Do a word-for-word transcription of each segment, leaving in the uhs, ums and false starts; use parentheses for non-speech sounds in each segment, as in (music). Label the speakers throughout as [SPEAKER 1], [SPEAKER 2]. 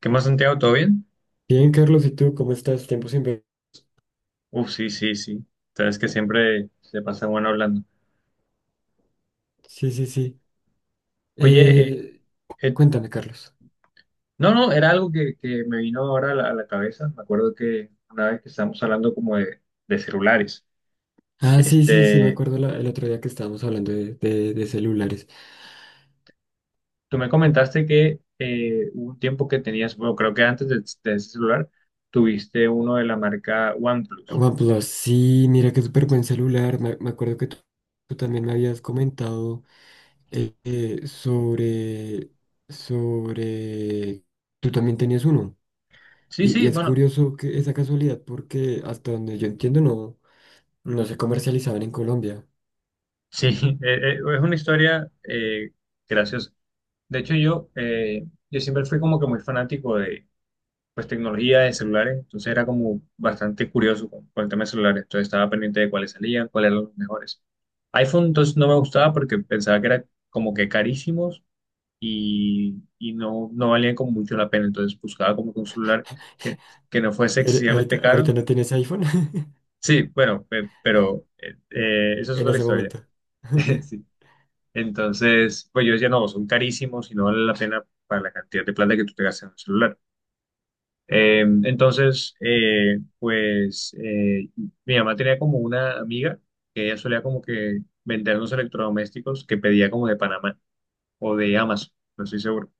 [SPEAKER 1] ¿Qué más, Santiago? ¿Todo bien?
[SPEAKER 2] Bien, Carlos, ¿y tú cómo estás? Tiempo sin ver.
[SPEAKER 1] Uf, sí, sí, sí. Sabes que siempre se pasa bueno hablando.
[SPEAKER 2] Sí, sí, sí.
[SPEAKER 1] Oye, eh,
[SPEAKER 2] Eh,
[SPEAKER 1] eh,
[SPEAKER 2] cuéntame, Carlos.
[SPEAKER 1] no, no, era algo que, que me vino ahora a la, a la cabeza. Me acuerdo que una vez que estábamos hablando como de, de celulares.
[SPEAKER 2] Ah, sí, sí, sí, me
[SPEAKER 1] este,
[SPEAKER 2] acuerdo la- el otro día que estábamos hablando de, de- de celulares.
[SPEAKER 1] tú me comentaste que eh, hubo un tiempo que tenías, bueno, creo que antes de, de ese celular, tuviste uno de la marca OnePlus.
[SPEAKER 2] OnePlus, sí, mira qué súper buen celular. Me, me acuerdo que tú, tú también me habías comentado eh, eh, sobre, sobre... Tú también tenías uno.
[SPEAKER 1] Sí,
[SPEAKER 2] Y, y
[SPEAKER 1] sí,
[SPEAKER 2] es
[SPEAKER 1] bueno,
[SPEAKER 2] curioso que esa casualidad porque hasta donde yo entiendo no, no se comercializaban en Colombia.
[SPEAKER 1] sí, (laughs) eh, eh, es una historia eh, graciosa. De hecho, yo, eh, yo siempre fui como que muy fanático de pues tecnología de celulares. Entonces era como bastante curioso con, con el tema de celulares. Entonces estaba pendiente de cuáles salían, cuáles eran los mejores. iPhone entonces no me gustaba porque pensaba que eran como que carísimos y, y no, no valían como mucho la pena. Entonces buscaba como que un celular que, que no fuese
[SPEAKER 2] ¿Y ahori- ahorita,
[SPEAKER 1] excesivamente
[SPEAKER 2] ahorita
[SPEAKER 1] caro.
[SPEAKER 2] no tienes iPhone? (laughs)
[SPEAKER 1] Sí, bueno, pe- pero eh, eh, eso es
[SPEAKER 2] En
[SPEAKER 1] otra
[SPEAKER 2] ese
[SPEAKER 1] historia.
[SPEAKER 2] momento.
[SPEAKER 1] (laughs)
[SPEAKER 2] (laughs)
[SPEAKER 1] Sí. Entonces, pues yo decía, no, son carísimos y no vale la pena para la cantidad de plata que tú te gastas en un celular. Eh, entonces, eh, pues eh, mi mamá tenía como una amiga que ella solía como que vendernos electrodomésticos que pedía como de Panamá o de Amazon, no estoy seguro.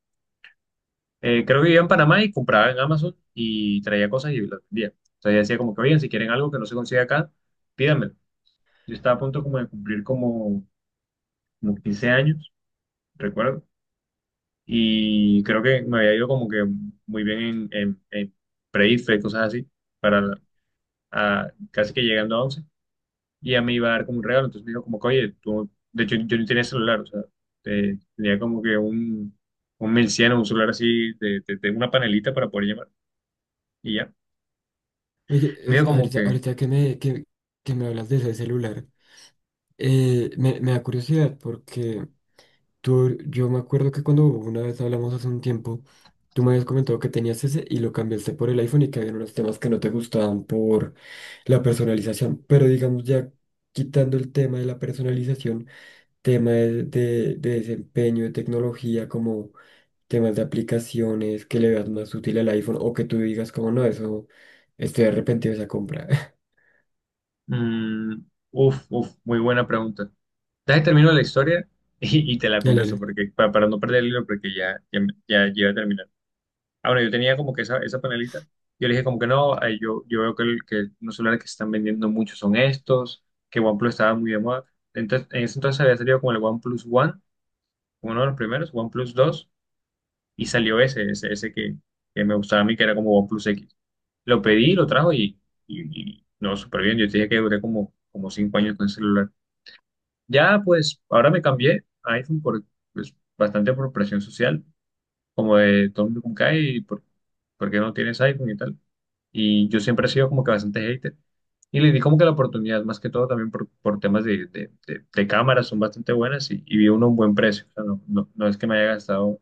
[SPEAKER 1] Eh, creo que vivía en Panamá y compraba en Amazon y traía cosas y las vendía. Entonces ella decía como que, oigan, si quieren algo que no se consigue acá, pídanmelo. Yo estaba a punto como de cumplir como, como quince años, recuerdo, y creo que me había ido como que muy bien en, en, en pre-I F E, cosas así, para, a- casi que llegando a once. Y a mí iba a dar como un regalo. Entonces me dijo como que, oye, tú, de hecho yo no tenía celular, o sea, eh, tenía como que un, un mil cien, un celular así, de, de- de una panelita para poder llamar, y ya.
[SPEAKER 2] Oye,
[SPEAKER 1] Me dijo
[SPEAKER 2] es-
[SPEAKER 1] como
[SPEAKER 2] ahorita,
[SPEAKER 1] que,
[SPEAKER 2] ahorita que me, que, que me hablas de ese celular, eh, me, me da curiosidad porque tú, yo me acuerdo que cuando una vez hablamos hace un tiempo, tú me habías comentado que tenías ese y lo cambiaste por el iPhone y que había unos temas que no te gustaban por la personalización. Pero digamos, ya quitando el tema de la personalización, tema de, de de desempeño, de tecnología, como... temas de aplicaciones que le veas más útil al iPhone o que tú digas como no, eso estoy arrepentido de esa compra. (laughs)
[SPEAKER 1] mm, uf, uf, muy buena pregunta. Dale, termino la historia (laughs) y, y te la
[SPEAKER 2] Dale,
[SPEAKER 1] contesto, porque pa- para no perder el hilo, porque ya, ya, ya, ya iba a terminar. Ah, bueno, yo tenía como que esa, esa panelita. Yo le dije como que no, eh, yo, yo veo que, el- que los celulares que se están vendiendo mucho son estos, que OnePlus estaba muy de moda. Entonces, en ese entonces había salido como el OnePlus One, como uno de los primeros, OnePlus dos, y salió ese, ese, ese que, que me gustaba a mí, que era como OnePlus X. Lo pedí, lo trajo, y, y, y no, súper bien. Yo te dije que duré como, como cinco años con el celular. Ya, pues, ahora me cambié a iPhone por, pues, bastante por presión social como de todo el mundo con cae y por, por qué no tienes iPhone y tal. Y yo siempre he sido como que bastante hater. Y le di como que la oportunidad, más que todo también por, por temas de, de, de- de cámaras, son bastante buenas y, y vi uno a un buen precio. O sea, no, no, no es que me haya gastado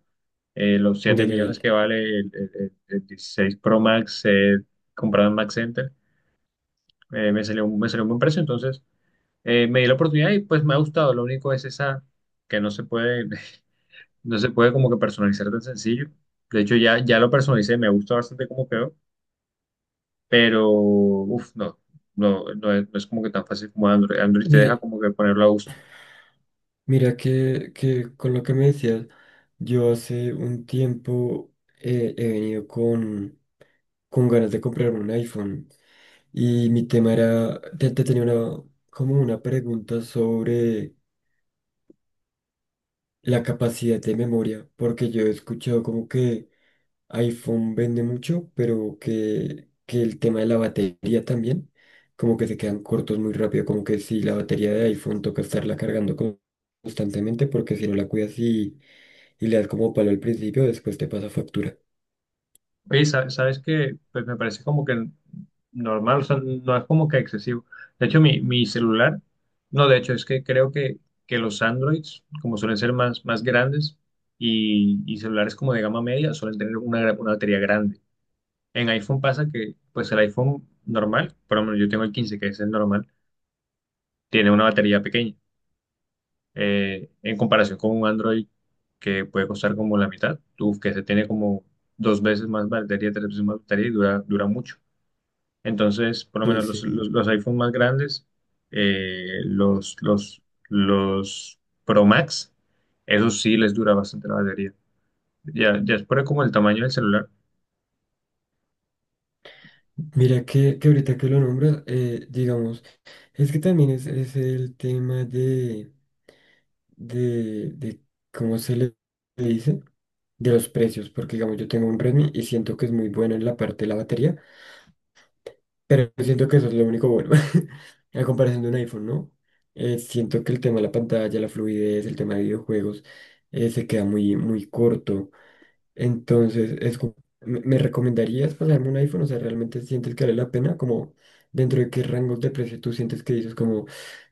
[SPEAKER 1] eh, los siete
[SPEAKER 2] dale, dale,
[SPEAKER 1] millones que
[SPEAKER 2] dale.
[SPEAKER 1] vale el, el- el- el dieciséis Pro Max eh, comprado en Max Center. Eh, me salió, un- me salió un buen precio. Entonces eh, me di la oportunidad y pues me ha gustado. Lo único es esa que no se puede. (laughs) No se puede como que personalizar tan sencillo. De hecho, ya, ya lo personalicé, me gusta bastante cómo quedó, pero uff, no, no, no es, no es como que tan fácil como Android. Android te deja
[SPEAKER 2] Mi-
[SPEAKER 1] como que ponerlo a gusto.
[SPEAKER 2] Mira que, que con lo que me decías, yo hace un tiempo eh, he venido con, con ganas de comprarme un iPhone y mi tema era, te, te tenía una, como una pregunta sobre la capacidad de memoria, porque yo he escuchado como que iPhone vende mucho, pero que, que el tema de la batería también, como que se quedan cortos muy rápido, como que si la batería de iPhone toca estarla cargando con- constantemente, porque si no la cuidas y, y le das como palo al principio, después te pasa factura.
[SPEAKER 1] Oye, sa- ¿sabes qué? Pues me parece como que normal, o sea, no es como que excesivo. De hecho, mi, mi celular, no, de hecho, es que creo que, que los Androids, como suelen ser más, más grandes y, y celulares como de gama media, suelen tener una, gra- una batería grande. En iPhone pasa que, pues el iPhone normal, por lo menos yo tengo el quince, que es el normal, tiene una batería pequeña. Eh, en comparación con un Android que puede costar como la mitad, uf, que se tiene como dos veces más batería, tres veces más batería, y dura, dura mucho. Entonces, por lo
[SPEAKER 2] Sí,
[SPEAKER 1] menos los,
[SPEAKER 2] sí.
[SPEAKER 1] los, los iPhone más grandes, eh, los, los, los Pro Max, esos sí les dura bastante la batería. Ya, ya es por como el tamaño del celular.
[SPEAKER 2] Mira que, que ahorita que lo nombras, eh, digamos, es que también es, es el tema de, de, de, ¿cómo se le dice? De los precios, porque digamos, yo tengo un Redmi y siento que es muy bueno en la parte de la batería, pero siento que eso es lo único bueno, (laughs) a comparación de un iPhone, ¿no? Eh, siento que el tema de la pantalla, la fluidez, el tema de videojuegos, eh, se queda muy, muy corto. Entonces, es como... ¿me me recomendarías pasarme un iPhone? O sea, ¿realmente sientes que vale la pena? Como dentro de qué rangos de precio tú sientes que dices como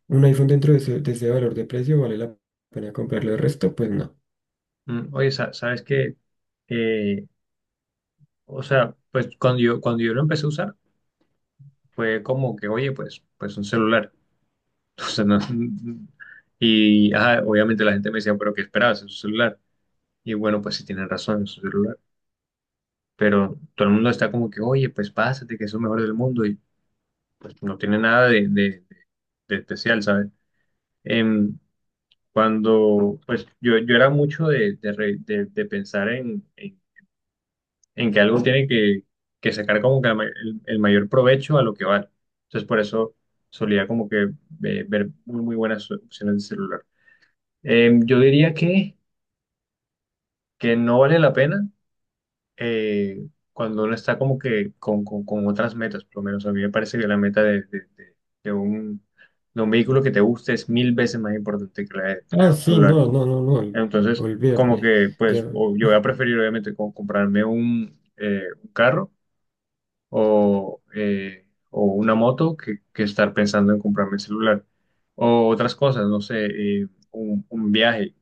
[SPEAKER 2] un iPhone dentro de ese, de ese valor de precio vale la pena comprarlo. El resto, pues no.
[SPEAKER 1] Mm, Oye, sa- ¿sabes que o sea, pues cuando yo, cuando yo lo empecé a usar, fue como que, oye, pues, pues un celular. (laughs) O sea, no- y ajá, obviamente la gente me decía, pero ¿qué esperabas? Es un celular. Y bueno, pues sí tienen razón, es un celular. Pero todo el mundo está como que, oye, pues pásate, que es lo mejor del mundo. Y pues, no tiene nada de, de- de especial, ¿sabes? Em, Cuando, pues yo, yo era mucho de, de, re- de- de pensar en, en en que algo tiene que, que sacar como que la ma- el, el mayor provecho a lo que vale. Entonces, por eso solía como que eh, ver muy, muy buenas opciones de celular. Eh, yo diría que, que no vale la pena eh, cuando uno está como que con, con, con otras metas. Por lo menos a mí me parece que la meta de, de, de- de un, de un vehículo que te guste es mil veces más importante que la de, la de
[SPEAKER 2] Ah,
[SPEAKER 1] un
[SPEAKER 2] sí,
[SPEAKER 1] celular.
[SPEAKER 2] no, no, no, no. ol-
[SPEAKER 1] Entonces, como
[SPEAKER 2] Olvídate.
[SPEAKER 1] que, pues,
[SPEAKER 2] Ya.
[SPEAKER 1] o- yo voy a preferir obviamente como comprarme un, eh, un carro o, eh, o una moto que, que estar pensando en comprarme el celular. O otras cosas, no sé, eh, un, un viaje.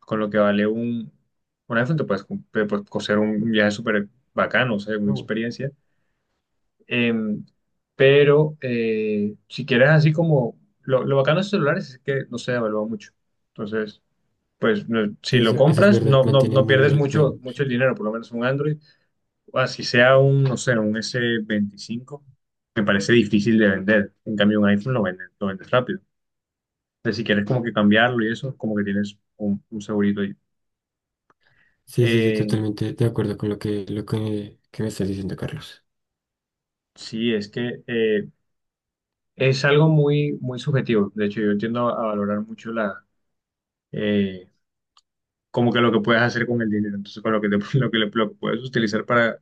[SPEAKER 1] Con lo que vale un, un iPhone, te puedes, com- te puedes coser un viaje súper bacano, o sea, una
[SPEAKER 2] No.
[SPEAKER 1] experiencia. Em, pero eh, si quieres así como, lo, lo bacano de estos celulares es que no se devalúa mucho. Entonces, pues no-
[SPEAKER 2] Sí,
[SPEAKER 1] si lo
[SPEAKER 2] eso, eso es
[SPEAKER 1] compras,
[SPEAKER 2] verdad,
[SPEAKER 1] no, no,
[SPEAKER 2] mantienen
[SPEAKER 1] no
[SPEAKER 2] muy bien
[SPEAKER 1] pierdes
[SPEAKER 2] el
[SPEAKER 1] mucho,
[SPEAKER 2] premio.
[SPEAKER 1] mucho el dinero, por lo menos un Android o así sea un, no sé, un S veinticinco, me parece difícil de vender. En cambio, un iPhone lo vendes, lo vendes rápido. Entonces, si quieres como que cambiarlo y eso, como que tienes un, un segurito ahí.
[SPEAKER 2] Sí, sí, sí,
[SPEAKER 1] Eh,
[SPEAKER 2] totalmente de acuerdo con lo que, lo que, que me estás diciendo, Carlos.
[SPEAKER 1] sí, es que eh, es algo muy, muy subjetivo. De hecho, yo tiendo a valorar mucho la, eh, como que lo que puedes hacer con el dinero. Entonces, con lo que, te- (laughs) lo que, le- lo que puedes utilizar para,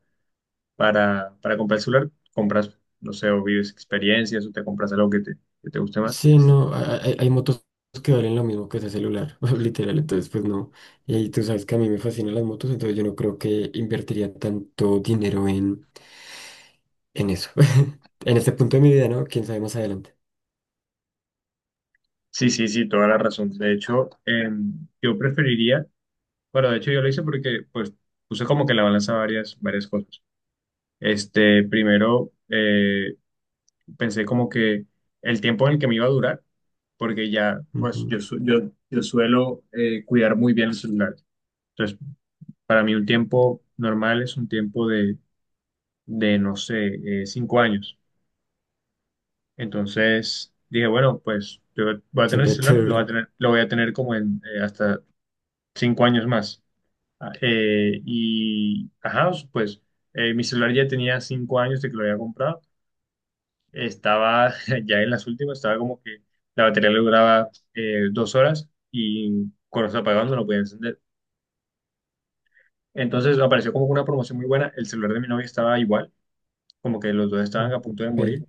[SPEAKER 1] para, para comprar el celular, compras, no sé, o vives experiencias o te compras algo que te, que te guste más.
[SPEAKER 2] Sí, no, ha- hay, hay motos que valen lo mismo que ese celular, (laughs) literal, entonces pues no. Y tú sabes que a mí me fascinan las motos, entonces yo no creo que invertiría tanto dinero en, en eso. (laughs) En este punto de mi vida, ¿no? Quién sabe más adelante.
[SPEAKER 1] Sí, sí, sí, toda la razón. De hecho, em, yo preferiría, bueno, de hecho yo lo hice porque pues puse como que en la balanza varias, varias cosas. Este, primero eh, pensé como que el tiempo en el que me iba a durar, porque ya, pues yo,
[SPEAKER 2] Ujú.
[SPEAKER 1] su- yo, yo suelo eh, cuidar muy bien el celular. Entonces, para mí un tiempo normal es un tiempo de, de no sé, eh, cinco años. Entonces, dije, bueno, pues yo voy a tener el
[SPEAKER 2] Siempre te
[SPEAKER 1] celular, lo voy a
[SPEAKER 2] duran.
[SPEAKER 1] tener, lo voy a tener como en eh, hasta cinco años más. Ah, eh, y, ajá, pues eh, mi celular ya tenía cinco años de que lo había comprado. Estaba (laughs) ya en las últimas, estaba como que la batería le duraba eh, dos horas, y cuando se apagaba no lo podía encender. Entonces me apareció como una promoción muy buena. El celular de mi novia estaba igual, como que los dos
[SPEAKER 2] Ajá.
[SPEAKER 1] estaban a punto de
[SPEAKER 2] Ok.
[SPEAKER 1] morir.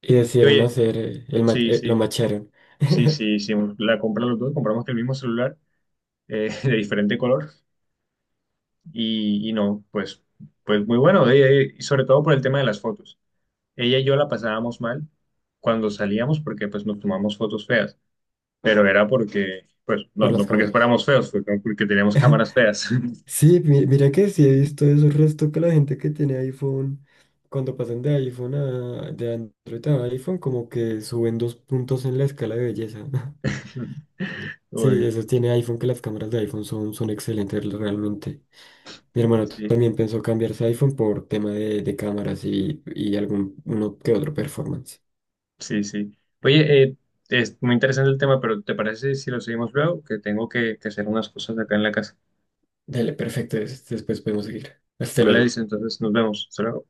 [SPEAKER 2] Y
[SPEAKER 1] Y
[SPEAKER 2] decidieron
[SPEAKER 1] oye,
[SPEAKER 2] hacer, eh, el ma-
[SPEAKER 1] sí,
[SPEAKER 2] eh,
[SPEAKER 1] sí,
[SPEAKER 2] lo macharon
[SPEAKER 1] sí, sí,
[SPEAKER 2] (laughs)
[SPEAKER 1] sí, la compra los dos, compramos el mismo celular eh, (laughs) de diferente color, y, y no, pues, pues muy bueno. Eh, eh, y sobre todo por el tema de las fotos. Ella y yo la pasábamos mal cuando salíamos porque pues nos tomamos fotos feas, pero era porque, pues no,
[SPEAKER 2] por las
[SPEAKER 1] no porque
[SPEAKER 2] cabras.
[SPEAKER 1] fuéramos feos, fue como porque teníamos cámaras feas.
[SPEAKER 2] Sí, mi- mira que sí he visto eso, el resto que la gente que tiene iPhone, cuando pasan de iPhone a, de Android a iPhone, como que suben dos puntos en la escala de belleza. (laughs)
[SPEAKER 1] (laughs)
[SPEAKER 2] Sí,
[SPEAKER 1] Uy,
[SPEAKER 2] eso tiene iPhone, que las cámaras de iPhone son, son excelentes realmente. Mi hermano t-
[SPEAKER 1] sí,
[SPEAKER 2] también pensó cambiarse a iPhone por tema de, de cámaras y, y algún uno que otro performance.
[SPEAKER 1] sí, sí. Oye, eh, es muy interesante el tema, pero ¿te parece si lo seguimos luego? Que tengo que, que hacer unas cosas acá en la casa.
[SPEAKER 2] Dale, perfecto, des- después podemos seguir. Hasta
[SPEAKER 1] Vale,
[SPEAKER 2] luego.
[SPEAKER 1] dice, entonces nos vemos. Hasta luego.